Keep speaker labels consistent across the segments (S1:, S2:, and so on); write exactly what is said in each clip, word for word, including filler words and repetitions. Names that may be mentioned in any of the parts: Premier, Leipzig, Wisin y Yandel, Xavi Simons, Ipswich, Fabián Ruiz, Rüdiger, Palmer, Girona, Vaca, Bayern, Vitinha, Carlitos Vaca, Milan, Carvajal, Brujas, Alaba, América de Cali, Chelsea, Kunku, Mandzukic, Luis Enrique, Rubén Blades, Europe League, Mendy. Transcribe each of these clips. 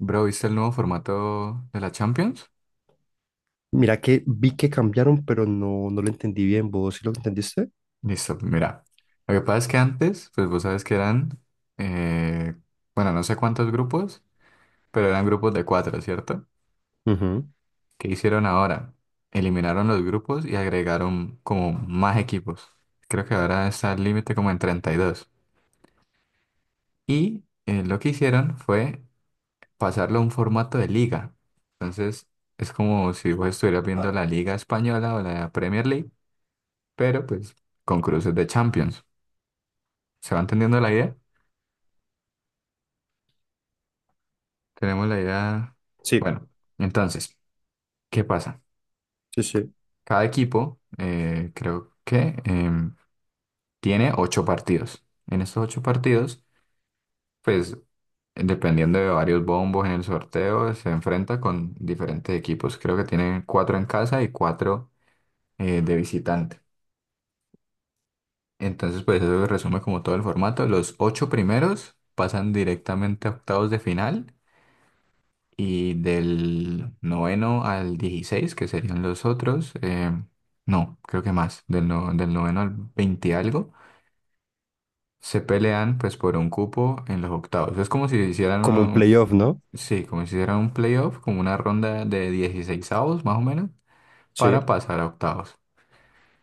S1: Bro, ¿viste el nuevo formato de la Champions?
S2: Mira que vi que cambiaron, pero no, no lo entendí bien. ¿Vos sí lo entendiste?
S1: Listo, mira. Lo que pasa es que antes, pues vos sabes que eran, eh, bueno, no sé cuántos grupos, pero eran grupos de cuatro, ¿cierto?
S2: Ujú.
S1: ¿Qué hicieron ahora? Eliminaron los grupos y agregaron como más equipos. Creo que ahora está el límite como en treinta y dos. Y dos. Y eh, lo que hicieron fue pasarlo a un formato de liga. Entonces, es como si vos estuvieras viendo la Liga Española o la Premier League, pero pues con cruces de Champions. ¿Se va entendiendo la idea? Tenemos la idea.
S2: Sí,
S1: Bueno, entonces, ¿qué pasa?
S2: sí, sí.
S1: Cada equipo, eh, creo que em, tiene ocho partidos. En estos ocho partidos, pues, dependiendo de varios bombos en el sorteo, se enfrenta con diferentes equipos. Creo que tienen cuatro en casa y cuatro eh, de visitante. Entonces, pues, eso resume como todo el formato. Los ocho primeros pasan directamente a octavos de final. Y del noveno al dieciséis que serían los otros, eh, no, creo que más, del, no- del noveno al veinte y algo, se pelean pues por un cupo en los octavos. Es como si hicieran
S2: Como un
S1: un,
S2: playoff, ¿no?
S1: sí, como si hicieran un playoff, como una ronda de dieciseisavos más o menos, para
S2: Sí.
S1: pasar a octavos.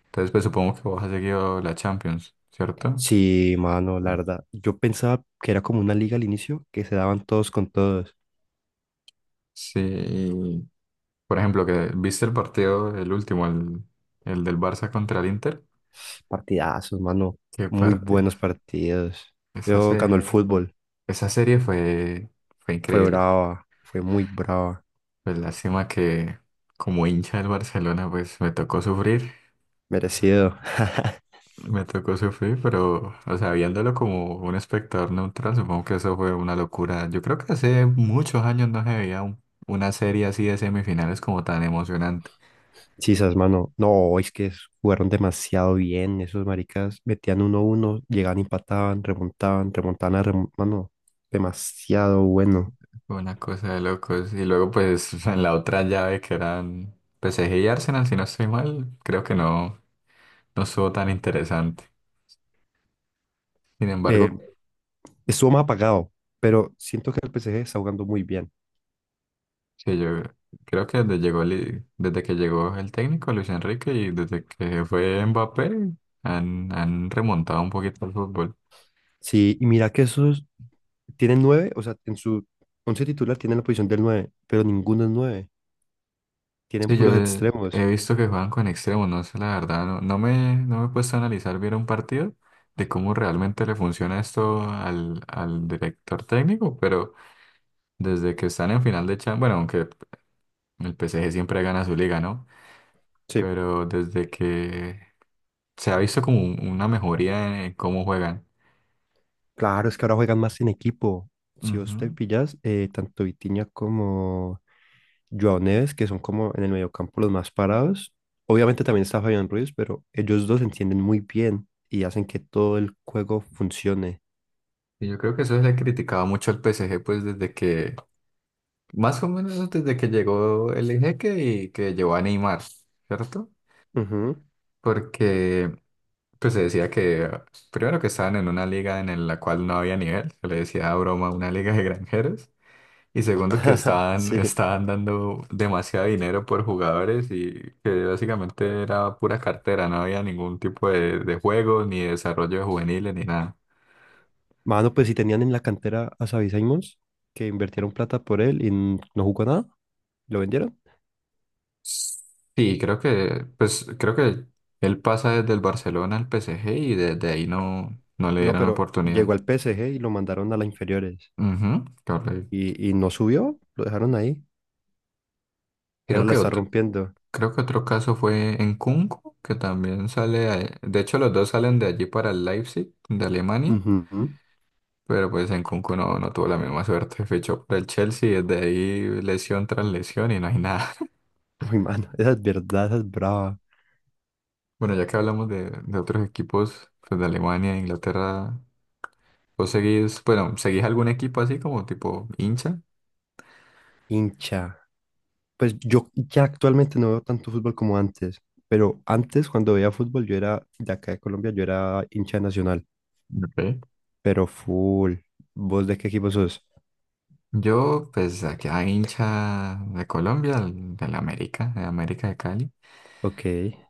S1: Entonces pues supongo que vos has seguido la Champions, ¿cierto?
S2: Sí, mano, la verdad. Yo pensaba que era como una liga al inicio, que se daban todos con todos.
S1: Sí, y, por ejemplo, que viste el partido, el último, el, el del Barça contra el Inter.
S2: Partidazos, mano.
S1: ¿Qué
S2: Muy
S1: parte?
S2: buenos partidos.
S1: Eso
S2: Yo ganó el
S1: se.
S2: fútbol.
S1: Esa serie fue, fue
S2: Fue
S1: increíble.
S2: brava, fue muy brava.
S1: Pues lástima que como hincha del Barcelona, pues me tocó sufrir,
S2: Merecido.
S1: me tocó sufrir, pero, o sea, viéndolo como un espectador neutral, supongo que eso fue una locura. Yo creo que hace muchos años no se veía un- una serie así de semifinales como tan emocionante.
S2: Sisas, mano. No, es que es- jugaron demasiado bien. Esos maricas metían 1 uno llegaban, empataban, remontaban, remontaban a remo- mano, demasiado bueno.
S1: Fue una cosa de locos. Y luego, pues, en la otra llave que eran P S G y Arsenal, si no estoy mal, creo que no, no estuvo tan interesante. Sin
S2: Eh,
S1: embargo,
S2: Estuvo más apagado, pero siento que el P S G está jugando muy bien.
S1: sí, yo creo que desde, llegó, Li- desde que llegó el técnico Luis Enrique y desde que fue Mbappé han, han remontado un poquito el fútbol.
S2: Sí, y mira que esos tienen nueve, o sea, en su once titular tienen la posición del nueve, pero ninguno es nueve. Tienen
S1: Sí, yo
S2: puros
S1: he he
S2: extremos.
S1: visto que juegan con extremos, no sé, la verdad, no, no me, no me he puesto a analizar bien un partido de cómo realmente le funciona esto al, al director técnico, pero desde que están en final de Champions, bueno, aunque el P S G siempre gana su liga, ¿no?
S2: Sí.
S1: Pero desde que se ha visto como un- una mejoría en cómo juegan.
S2: Claro, es que ahora juegan más en equipo. Si vos te
S1: Ujú.
S2: pillas, eh, tanto Vitinha como Joao Neves, que son como en el mediocampo los más parados. Obviamente también está Fabián Ruiz, pero ellos dos se entienden muy bien y hacen que todo el juego funcione.
S1: Y yo creo que eso se le criticaba mucho al P S G, pues desde que, más o menos desde que llegó el Ejeque y que llegó a Neymar, ¿cierto?
S2: Ujú.
S1: Porque pues se decía que, primero que estaban en una liga en el- la cual no había nivel, se le decía a broma una liga de granjeros, y segundo que estaban,
S2: Sí.
S1: estaban dando demasiado dinero por jugadores y que básicamente era pura cartera, no había ningún tipo de, de juego, ni desarrollo de juveniles, ni nada.
S2: Mano, pues si tenían en la cantera a Xavi Simons, que invirtieron plata por él y n- no jugó nada, lo vendieron.
S1: Sí, creo que, pues, creo que él pasa desde el Barcelona al P S G y desde ahí no, no le
S2: No,
S1: dieron
S2: pero
S1: oportunidad.
S2: llegó al P S G y lo mandaron a las inferiores
S1: Ujú, correcto.
S2: y, y no subió, lo dejaron ahí y
S1: Creo
S2: ahora la
S1: que
S2: está
S1: otro,
S2: rompiendo.
S1: creo que otro caso fue en Kunku, que también sale, a- de hecho los dos salen de allí para el Leipzig, de Alemania,
S2: Ujú.
S1: pero pues en Kunku no, no tuvo la misma suerte, fichó por el Chelsea y desde ahí lesión tras lesión y no hay nada.
S2: Uy, mano, esa es verdad, esa es brava.
S1: Bueno, ya que hablamos de, de otros equipos pues, de Alemania e Inglaterra, ¿Vos seguís, bueno, seguís algún equipo así como tipo hincha?
S2: Hincha. Pues yo ya actualmente no veo tanto fútbol como antes, pero antes cuando veía fútbol yo era de acá de Colombia, yo era hincha de nacional,
S1: Ok.
S2: pero full. ¿Vos de qué equipo sos?
S1: Yo, pues, aquí a hincha de Colombia, el- del América, de América de Cali.
S2: Ok,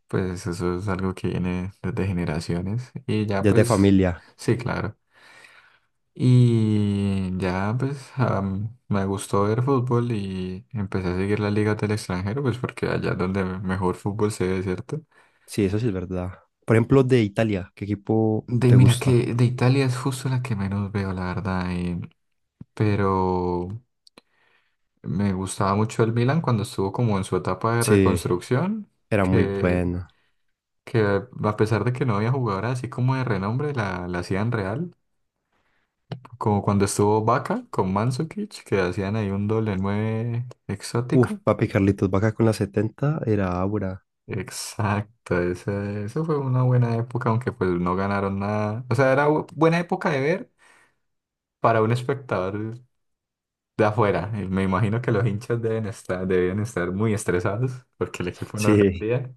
S1: Pues eso es algo que viene desde generaciones. Y ya,
S2: ya es de
S1: pues,
S2: familia.
S1: sí, claro. Y ya, pues, am, me gustó ver fútbol y empecé a seguir las ligas del extranjero, pues, porque allá es donde mejor fútbol se ve, ¿cierto?
S2: Sí, eso sí es verdad. Por ejemplo, de Italia, ¿qué equipo
S1: De,
S2: te
S1: mira
S2: gusta?
S1: que de Italia es justo la que menos veo, la verdad. eh, pero. Me gustaba mucho el Milan cuando estuvo como en su etapa de
S2: Sí,
S1: reconstrucción,
S2: era muy
S1: que,
S2: bueno.
S1: que a pesar de que no había jugadores así como de renombre, la, la hacían real. Como cuando estuvo Vaca con Mandzukic, que hacían ahí un doble nueve
S2: Uf,
S1: exótico.
S2: papi Carlitos Vaca con la setenta era Aura.
S1: Exacto, ese- eso fue una buena época, aunque pues no ganaron nada. O sea, era bu- buena época de ver para un espectador de afuera. Y me imagino que los hinchas deben estar, debían estar muy estresados porque el equipo no
S2: Sí,
S1: rendía,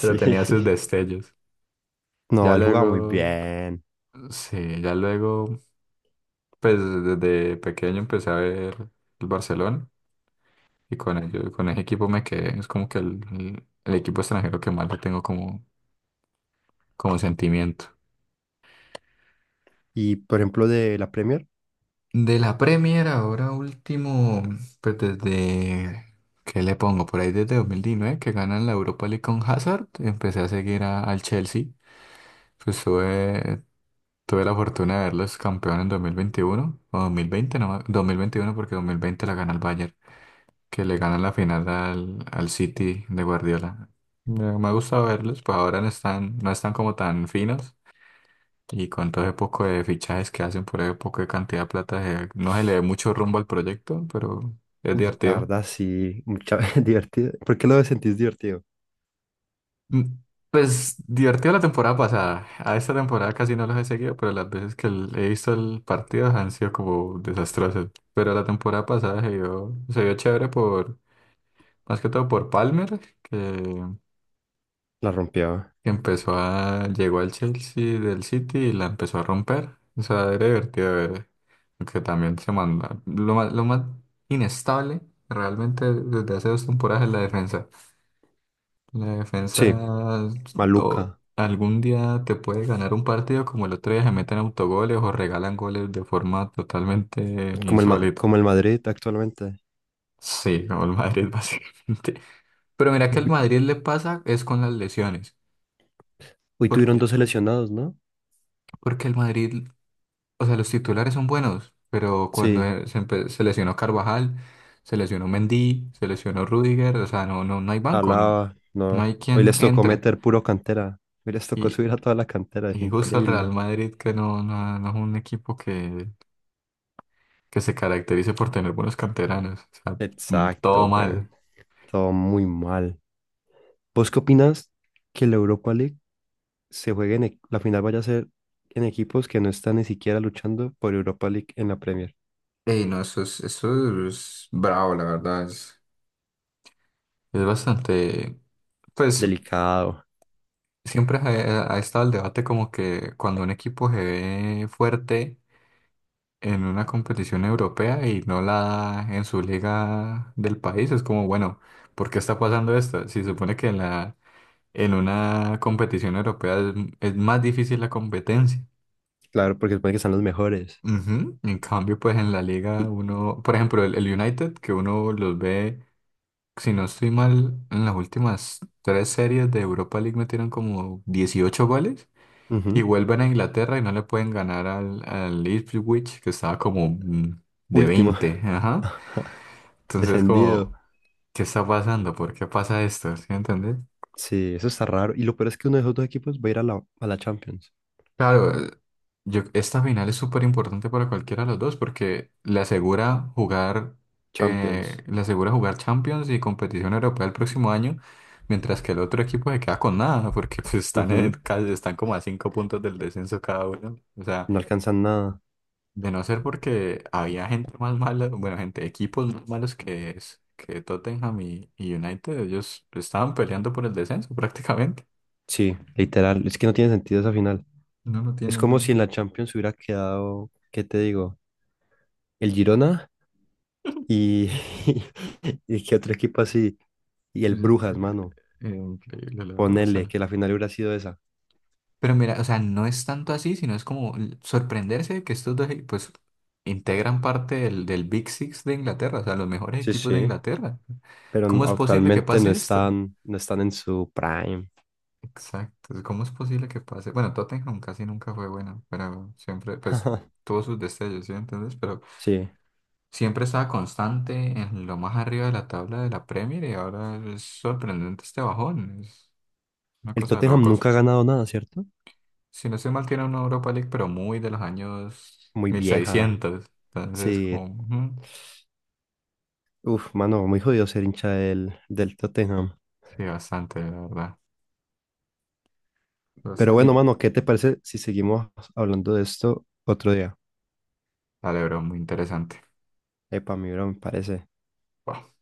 S1: pero tenía sus destellos. Ya
S2: No, él jugaba muy
S1: luego,
S2: bien.
S1: sí, ya luego, pues desde pequeño empecé a ver el Barcelona y con ello, con ese equipo me quedé. Es como que el, el- el equipo extranjero que más le tengo como, como sentimiento.
S2: Y por ejemplo, de la Premier,
S1: De la Premier ahora último, pues desde, ¿qué le pongo? Por ahí desde dos mil diecinueve que ganan la Europa League con Hazard, empecé a seguir a- al Chelsea. Pues tuve, tuve la fortuna de verlos campeón en dos mil veintiuno o dos mil veinte, no, me- dos mil veintiuno porque dos mil veinte la gana el Bayern, que le gana la final al, al City de Guardiola. Me, me ha gustado verlos, pues ahora no están, no están como tan finos y con todo ese poco de fichajes que hacen por ese poco de cantidad de plata, se- no se le ve mucho rumbo al proyecto, pero es
S2: uy, la
S1: divertido.
S2: verdad sí, mucha divertida. ¿Por qué lo sentís divertido?
S1: Mm, Pues divertido la temporada pasada. A esta temporada casi no los he seguido, pero las veces que l- he visto el partido han sido como desastrosas. Pero la temporada pasada se vio, se vio chévere por, más que todo por Palmer, que,
S2: La rompió.
S1: que empezó a, llegó al Chelsea del City y la empezó a romper. O sea, era divertido de ver. Aunque también se manda. Lo más, lo más inestable realmente desde hace dos temporadas es la defensa. La
S2: Sí,
S1: defensa o
S2: maluca.
S1: algún día te puede ganar un partido como el otro día se meten autogoles o regalan goles de forma totalmente
S2: Como el, Ma-
S1: insólita.
S2: como el Madrid actualmente.
S1: Sí, como el Madrid básicamente. Pero mira que el
S2: Vi-
S1: Madrid le pasa es con las lesiones.
S2: Hoy tuvieron
S1: Porque,
S2: dos seleccionados, ¿no?
S1: porque el Madrid, o sea, los titulares son buenos, pero cuando
S2: Sí,
S1: eh, se, empe- se lesionó Carvajal, se lesionó Mendy, se lesionó Rüdiger o sea, no, no, no hay banco, no,
S2: Alaba,
S1: no
S2: no.
S1: hay
S2: Hoy
S1: quien
S2: les tocó
S1: entre.
S2: meter puro cantera. Hoy les tocó subir a toda la cantera, es
S1: Y justo el Real
S2: increíble.
S1: Madrid, que no, no, no es un equipo que, que se caracterice por tener buenos canteranos. O sea, mm, todo
S2: Exacto, güey.
S1: mal.
S2: Todo muy mal. ¿Vos qué opinas que la Europa League se juegue en e- la final vaya a ser en equipos que no están ni siquiera luchando por Europa League en la Premier?
S1: Ey, no, eso es, eso es bravo, la verdad. es- Es bastante. Pues
S2: Delicado.
S1: siempre ha, eh, ha estado el debate como que cuando un equipo se ve fuerte en una competición europea y no la da en su liga del país, es como, bueno, ¿por qué está pasando esto? Si se supone que en la, En una competición europea es, es más difícil la competencia.
S2: Claro, porque supone que están los mejores.
S1: Ujú. En cambio, pues en la liga
S2: Y,
S1: uno, por ejemplo, el, el United, que uno los ve, si no estoy mal, en las últimas tres series de Europa League metieron como dieciocho goles y
S2: ujú,
S1: vuelven a Inglaterra y no le pueden ganar al, al Ipswich, que estaba como mm, de
S2: último,
S1: veinte, Ajá. Entonces,
S2: descendido.
S1: como, ¿qué está pasando? ¿Por qué pasa esto? ¿Sí me entendés?
S2: Sí, eso está raro. Y lo peor es que uno de esos dos equipos va a ir a la, a la Champions.
S1: Claro, Yo, esta final es súper importante para cualquiera de los dos porque le asegura jugar, eh,
S2: Champions.
S1: le asegura jugar Champions y competición europea el próximo año, mientras que el otro equipo se queda con nada porque pues, están en,
S2: Ujú,
S1: casi- están como a cinco puntos del descenso cada uno. O sea,
S2: no alcanzan nada.
S1: de no ser porque había gente más mala, bueno, gente, equipos más malos que es que Tottenham y, y United, ellos estaban peleando por el descenso prácticamente.
S2: Sí, literal. Es que no tiene sentido esa final.
S1: No, no
S2: Es
S1: tienen
S2: como si en
S1: nada.
S2: la Champions hubiera quedado, ¿qué te digo? El Girona y, y qué otro equipo así. Y
S1: Sí,
S2: el Brujas, mano.
S1: eh, Increíble, la verdad. O
S2: Ponele
S1: sea,
S2: que la final hubiera sido esa.
S1: Pero mira, o sea, no es tanto así, sino es como l- sorprenderse de que estos dos, e- pues, integran parte del, del Big Six de Inglaterra, o sea, los mejores
S2: Sí,
S1: equipos de
S2: sí.
S1: Inglaterra.
S2: Pero n-
S1: ¿Cómo es posible que
S2: actualmente no
S1: pase esto?
S2: están, no están en su prime.
S1: Exacto, ¿cómo es posible que pase? Bueno, Tottenham casi nunca fue bueno, pero siempre, pues, tuvo sus destellos, ¿sí me entiendes? Pero
S2: Sí.
S1: siempre estaba constante en lo más arriba de la tabla de la Premier y ahora es sorprendente este bajón, es una
S2: El
S1: cosa de
S2: Tottenham
S1: locos.
S2: nunca ha ganado nada, ¿cierto?
S1: Si no estoy mal, tiene una Europa League, pero muy de los años
S2: Muy
S1: mil
S2: vieja.
S1: seiscientos Entonces,
S2: Sí.
S1: como, ujú,
S2: Uf, mano, muy jodido ser hincha del, del Tottenham.
S1: sí, bastante, la verdad.
S2: Pero
S1: Basta- y
S2: bueno, mano, ¿qué te parece si seguimos hablando de esto otro día?
S1: la de muy interesante.
S2: Epa, mi bro, me parece.
S1: Wow.